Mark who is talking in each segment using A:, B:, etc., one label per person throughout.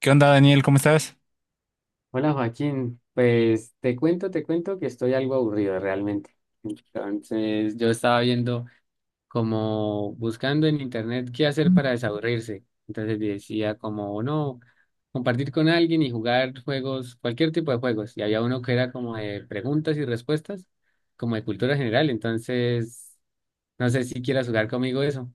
A: ¿Qué onda, Daniel? ¿Cómo estás?
B: Hola Joaquín, pues te cuento que estoy algo aburrido realmente. Entonces yo estaba viendo como buscando en internet qué hacer para desaburrirse. Entonces decía como no, compartir con alguien y jugar juegos, cualquier tipo de juegos. Y había uno que era como de preguntas y respuestas, como de cultura general. Entonces no sé si quieras jugar conmigo eso.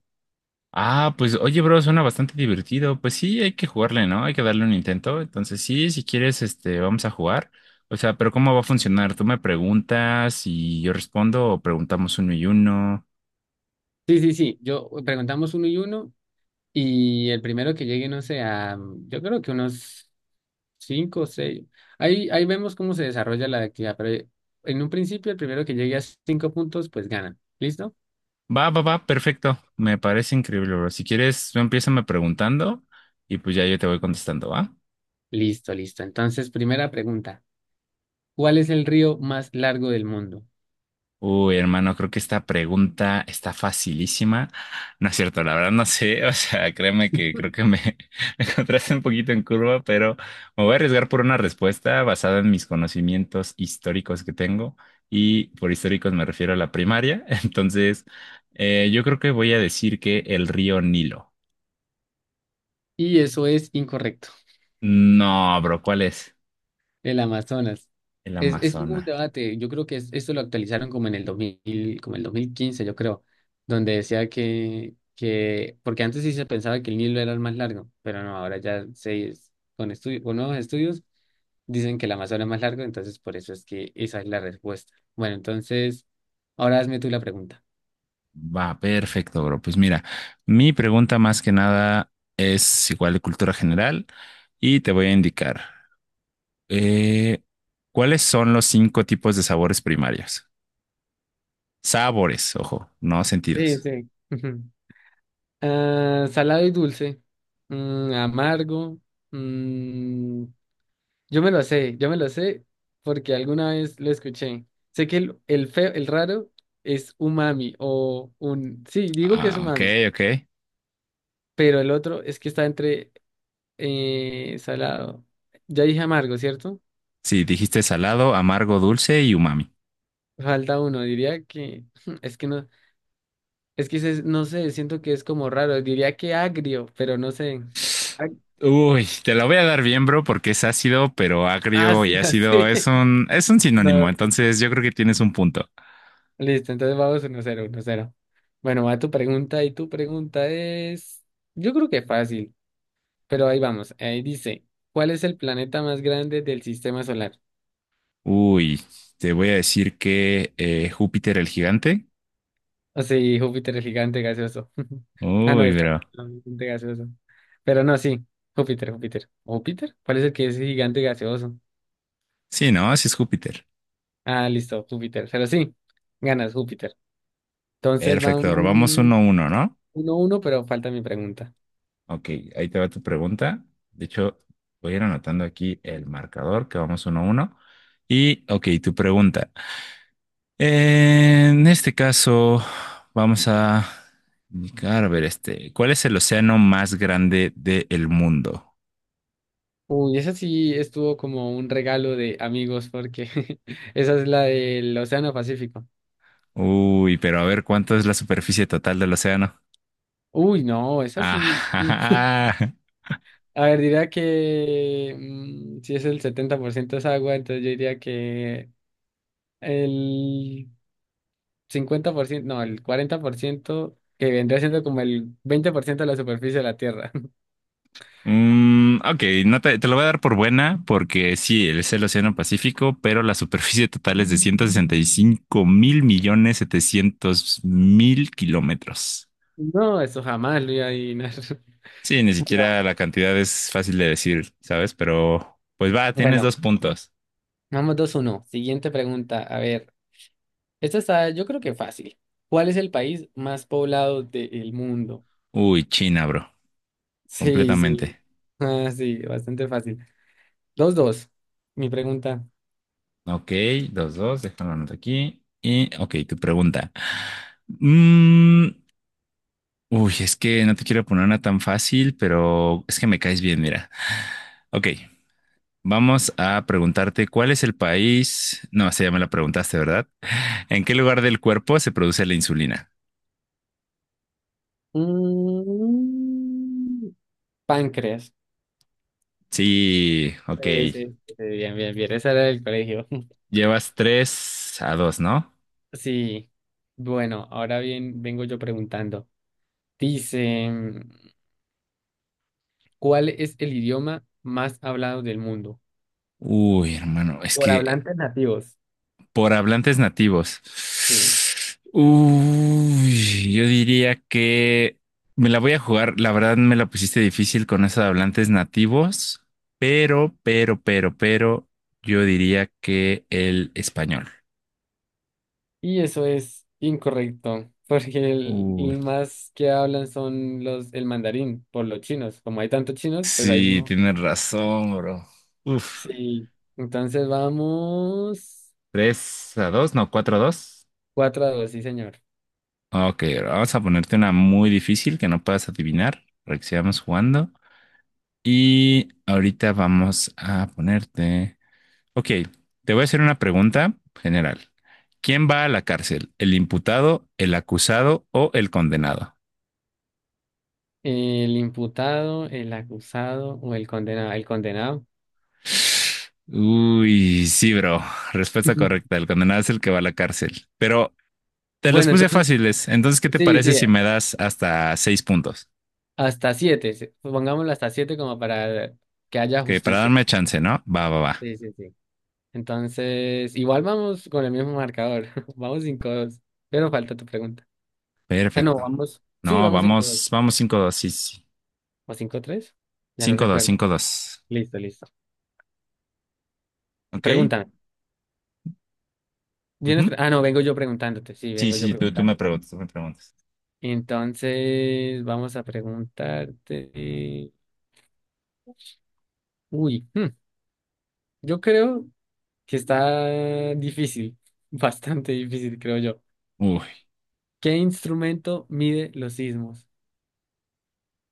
A: Ah, pues oye, bro, suena bastante divertido. Pues sí, hay que jugarle, ¿no? Hay que darle un intento. Entonces, sí, si quieres, este, vamos a jugar. O sea, pero ¿cómo va a funcionar? ¿Tú me preguntas y yo respondo o preguntamos uno y uno?
B: Sí, sí, sí, yo preguntamos uno y uno y el primero que llegue, no sé, a, yo creo que unos, cinco, seis. Ahí vemos cómo se desarrolla la actividad, pero en un principio, el primero que llegue a cinco puntos, pues gana. ¿Listo?
A: Va, va, va, perfecto. Me parece increíble, bro. Si quieres, tú empiézame preguntando y pues ya yo te voy contestando, ¿va?
B: Listo, listo. Entonces, primera pregunta. ¿Cuál es el río más largo del mundo?
A: Uy, hermano, creo que esta pregunta está facilísima. No es cierto, la verdad no sé. O sea, créeme que creo que me, me encontraste un poquito en curva, pero me voy a arriesgar por una respuesta basada en mis conocimientos históricos que tengo. Y por históricos me refiero a la primaria. Entonces, yo creo que voy a decir que el río Nilo.
B: Y eso es incorrecto.
A: No, bro, ¿cuál es?
B: El Amazonas.
A: El
B: Es un
A: Amazonas.
B: debate. Yo creo que esto lo actualizaron como el 2015 yo creo, donde decía que, porque antes sí se pensaba que el Nilo era el más largo, pero no, ahora ya se, con nuevos estudios dicen que el Amazonas es más largo, entonces por eso es que esa es la respuesta. Bueno, entonces, ahora hazme tú la pregunta.
A: Va, perfecto, bro. Pues mira, mi pregunta más que nada es igual de cultura general y te voy a indicar eh, cuáles son los cinco tipos de sabores primarios. Sabores, ojo, no
B: Sí,
A: sentidos.
B: sí. Ujú. Ah, salado y dulce, amargo. Yo me lo sé, yo me lo sé porque alguna vez lo escuché. Sé que el feo, el raro es umami Sí, digo que es
A: Ah, ok,
B: umami,
A: ok.
B: pero el otro es que está entre salado. Ya dije amargo, ¿cierto?
A: Sí, dijiste salado, amargo, dulce y umami.
B: Falta uno, diría que, es que no, es que no sé, siento que es como raro. Diría que agrio, pero no sé. Ag-
A: Uy, te la voy a dar bien, bro, porque es ácido, pero
B: Ah,
A: agrio
B: sí,
A: y ácido
B: así.
A: es un sinónimo.
B: No,
A: Entonces yo creo que tienes un punto.
B: listo, entonces vamos 1-0 1-0. Bueno, va tu pregunta y tu pregunta es. Yo creo que fácil. Pero ahí vamos, ahí dice, ¿cuál es el planeta más grande del sistema solar?
A: Uy, te voy a decir que Júpiter el gigante.
B: O sí, Júpiter es gigante gaseoso. Ah, no,
A: Uy,
B: es
A: pero.
B: Saturno, gigante gaseoso. Pero no, sí, Júpiter, Júpiter. ¿Júpiter? ¿Cuál es el que es gigante gaseoso?
A: Sí, no, sí es Júpiter.
B: Ah, listo, Júpiter. Pero sí, ganas, Júpiter. Entonces
A: Perfecto, ahora vamos
B: vamos
A: uno a uno, ¿no?
B: 1-1, pero falta mi pregunta.
A: Ok, ahí te va tu pregunta. De hecho, voy a ir anotando aquí el marcador que vamos uno a uno. Y, ok, tu pregunta. En este caso, vamos a indicar. A ver, este, ¿cuál es el océano más grande del mundo?
B: Uy, esa sí estuvo como un regalo de amigos, porque esa es la del Océano Pacífico.
A: Uy, pero a ver, ¿cuánto es la superficie total del océano?
B: Uy, no, esa sí.
A: Ajá.
B: A ver, diría que si es el 70% es agua, entonces yo diría que el 50% no, el 40% que vendría siendo como el 20% de la superficie de la Tierra.
A: Mm, ok, no te lo voy a dar por buena porque sí, es el Océano Pacífico, pero la superficie total es de 165.700.000.000 kilómetros.
B: No, eso jamás lo iba a adivinar.
A: Sí, ni
B: Bueno,
A: siquiera la cantidad es fácil de decir, ¿sabes? Pero pues va, tienes
B: bueno,
A: dos puntos.
B: vamos 2-1. Siguiente pregunta. A ver, esta está yo creo que fácil. ¿Cuál es el país más poblado del mundo?
A: Uy, China, bro,
B: Sí, sí.
A: completamente.
B: Ah, sí, bastante fácil. 2-2. Mi pregunta.
A: Ok, dos, dos, déjalo anoto aquí. Y, ok, tu pregunta. Mm, uy, es que no te quiero poner una tan fácil, pero es que me caes bien, mira. Ok. Vamos a preguntarte cuál es el país, no, esa ya me la preguntaste, ¿verdad? ¿En qué lugar del cuerpo se produce la insulina?
B: Mm, Páncreas.
A: Sí, ok.
B: Sí, sí, sí, sí, bien, bien, bien. Esa era del colegio.
A: Llevas 3-2, ¿no?
B: Sí. Bueno, ahora bien, vengo yo preguntando. Dice, ¿cuál es el idioma más hablado del mundo?
A: Uy, hermano, es
B: Por
A: que
B: hablantes nativos.
A: por hablantes nativos.
B: Sí.
A: Uy, yo diría que me la voy a jugar. La verdad me la pusiste difícil con esos hablantes nativos, pero, yo diría que el español.
B: Y eso es incorrecto, porque el,
A: Uy.
B: el más que hablan son los, el mandarín, por los chinos. Como hay tantos chinos, pues hay.
A: Sí, tienes razón, bro. Uf,
B: Sí. Entonces vamos,
A: 3-2, no, 4-2.
B: 4-2, sí, señor.
A: Ok, bro, vamos a ponerte una muy difícil que no puedas adivinar para que sigamos jugando. Y ahorita vamos a ponerte... Ok, te voy a hacer una pregunta general. ¿Quién va a la cárcel? ¿El imputado, el acusado o el condenado?
B: El imputado, el acusado o el condenado. El condenado.
A: Uy, sí, bro. Respuesta correcta. El condenado es el que va a la cárcel. Pero te los
B: Bueno,
A: puse
B: entonces,
A: fáciles. Entonces, ¿qué te
B: sí,
A: parece
B: sí,
A: si me das hasta seis puntos?
B: hasta siete. Sí, pongámoslo hasta siete como para que haya
A: Que para
B: justicia.
A: darme chance, ¿no? Va, va, va.
B: Sí, sí, sí. Entonces, igual vamos con el mismo marcador. Vamos 5-2. Pero falta tu pregunta. Ah, no,
A: Perfecto.
B: vamos. Sí,
A: No,
B: vamos cinco
A: vamos,
B: dos
A: vamos 5-2, sí, sí.
B: o 5-3. Ya no
A: 5-2.
B: recuerdo.
A: 5-2.
B: Listo, listo.
A: ¿Ok?
B: Pregúntame.
A: Ujú.
B: ¿Vienes pre- ah, no, Vengo yo preguntándote. Sí,
A: Sí,
B: vengo yo
A: sí, tú me
B: preguntándote.
A: preguntas, tú me preguntas.
B: Entonces, vamos a preguntarte. Uy, yo creo que está difícil, bastante difícil, creo yo.
A: Uy,
B: ¿Qué instrumento mide los sismos?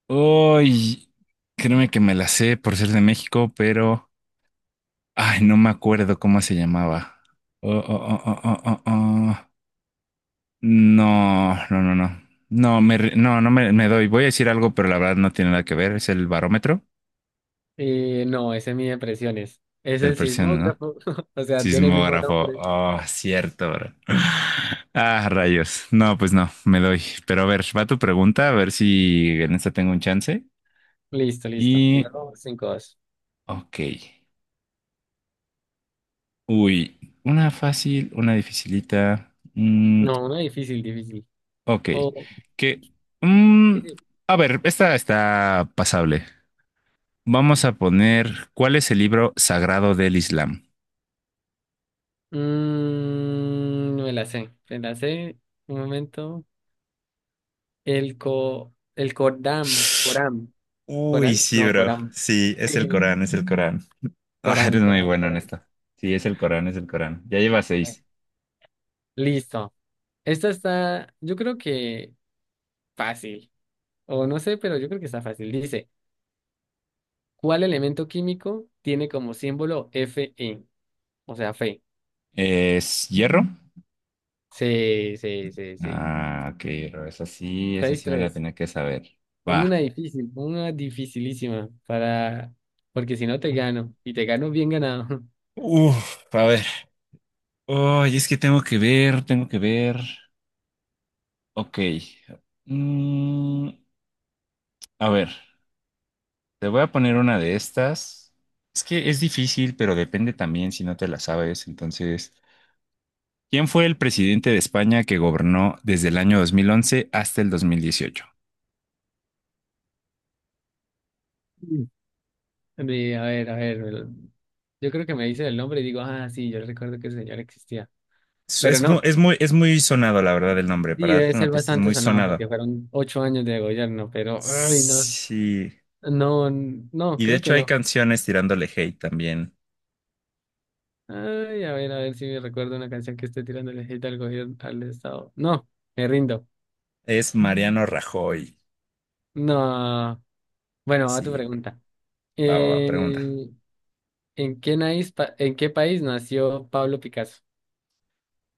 A: uy, créeme que me la sé por ser de México, pero, ay, no me acuerdo cómo se llamaba. Oh, oh, oh, oh, oh, oh, oh. No, no, no, no. No, me, ri- no, no me doy. Voy a decir algo, pero la verdad no tiene nada que ver. Es el barómetro.
B: No, ese mide presiones.
A: Es
B: Es
A: el
B: el
A: presión, ¿no?
B: sismógrafo, o sea, tiene el mismo
A: Sismógrafo.
B: nombre.
A: Oh, cierto, bro. Ah, rayos. No, pues no, me doy. Pero a ver, va tu pregunta, a ver si en esta tengo un chance.
B: Listo, listo. Y
A: Y,
B: vamos 5-2.
A: ok. Uy, una fácil, una dificilita. Mm,
B: No, una difícil, difícil.
A: ok.
B: O,
A: Que, mm,
B: sí, sí.
A: a ver, esta está pasable. Vamos a poner, ¿cuál es el libro sagrado del Islam?
B: Me la sé, me la sé. Un momento. El cordam, coram,
A: Uy,
B: coral,
A: sí,
B: no,
A: bro.
B: coram.
A: Sí, es el Corán, es el Corán. Ah,
B: Corán,
A: eres muy
B: Corán,
A: bueno en
B: Corán.
A: esto. Sí, es el Corán, es el Corán. Ya lleva
B: Eh,
A: seis.
B: Listo. Esta está, yo creo que fácil, o no sé, pero yo creo que está fácil. Dice, ¿cuál elemento químico tiene como símbolo Fe? O sea, fe.
A: ¿Es hierro?
B: Sí, sí, sí, sí.
A: Ah, ok, hierro. Esa
B: seis
A: sí me la
B: tres
A: tenía que saber.
B: Ponme una
A: Va.
B: difícil, ponme una dificilísima para, porque si no te gano, y te gano bien ganado.
A: Uf, a ver. Ay, es que tengo que ver, tengo que ver. Ok. Mm, a ver. Te voy a poner una de estas. Es que es difícil, pero depende también si no te la sabes. Entonces, ¿quién fue el presidente de España que gobernó desde el año 2011 hasta el 2018?
B: Mm. A ver, a ver, yo creo que me dice el nombre y digo, ah, sí, yo recuerdo que el señor existía.
A: Es,
B: Pero
A: es mu-
B: no,
A: es muy, es muy sonado, la verdad, el nombre.
B: sí,
A: Para
B: debe
A: darte una
B: ser
A: pista, es
B: bastante
A: muy
B: sonado
A: sonado.
B: porque fueron 8 años de gobierno, pero, ay, no.
A: Sí.
B: No, no,
A: Y de
B: creo que
A: hecho hay
B: no.
A: canciones tirándole hate también.
B: Ay, a ver si me recuerdo una canción que esté tirándole hate al gobierno, al Estado. No, me rindo.
A: Es... Mm. Mariano Rajoy.
B: No. Bueno, a tu
A: Sí, bro.
B: pregunta.
A: Va, va, va, pregunta.
B: Eh, ¿En qué país nació Pablo Picasso?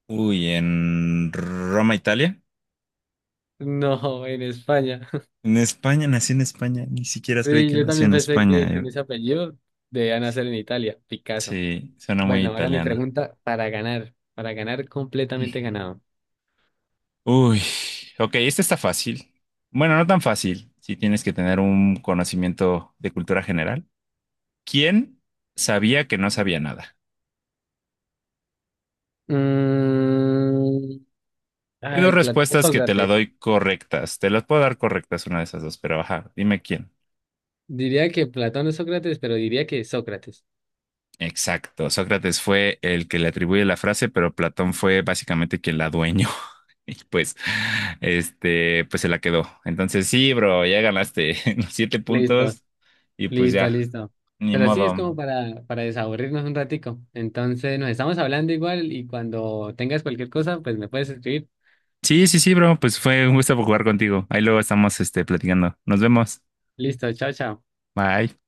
A: Uy, ¿en Roma, Italia?
B: No, en España.
A: En España, nació en España. Ni siquiera sabía
B: Sí,
A: que
B: yo
A: nació
B: también
A: en
B: pensé que con
A: España.
B: ese apellido debía nacer en Italia, Picasso.
A: Sí, suena muy
B: Bueno, ahora mi
A: italiano.
B: pregunta para ganar completamente ganado.
A: Uy, ok, este está fácil. Bueno, no tan fácil, si tienes que tener un conocimiento de cultura general. ¿Quién sabía que no sabía nada?
B: Mm,
A: Hay
B: Ay,
A: dos
B: Platón
A: respuestas que te la
B: Sócrates.
A: doy correctas. Te las puedo dar correctas una de esas dos, pero ajá, dime quién.
B: Diría que Platón es Sócrates, pero diría que Sócrates.
A: Exacto, Sócrates fue el que le atribuye la frase, pero Platón fue básicamente quien la adueñó. Y pues, este, pues se la quedó. Entonces, sí, bro, ya ganaste los siete
B: Listo,
A: puntos. Y pues
B: listo,
A: ya,
B: listo.
A: ni
B: Pero sí, es
A: modo.
B: como para desaburrirnos un ratico. Entonces, nos estamos hablando igual y cuando tengas cualquier cosa, pues me puedes escribir.
A: Sí, sí, sí, bro. Pues fue un gusto jugar contigo. Ahí luego estamos, este, platicando. Nos vemos.
B: Listo, chao, chao.
A: Bye.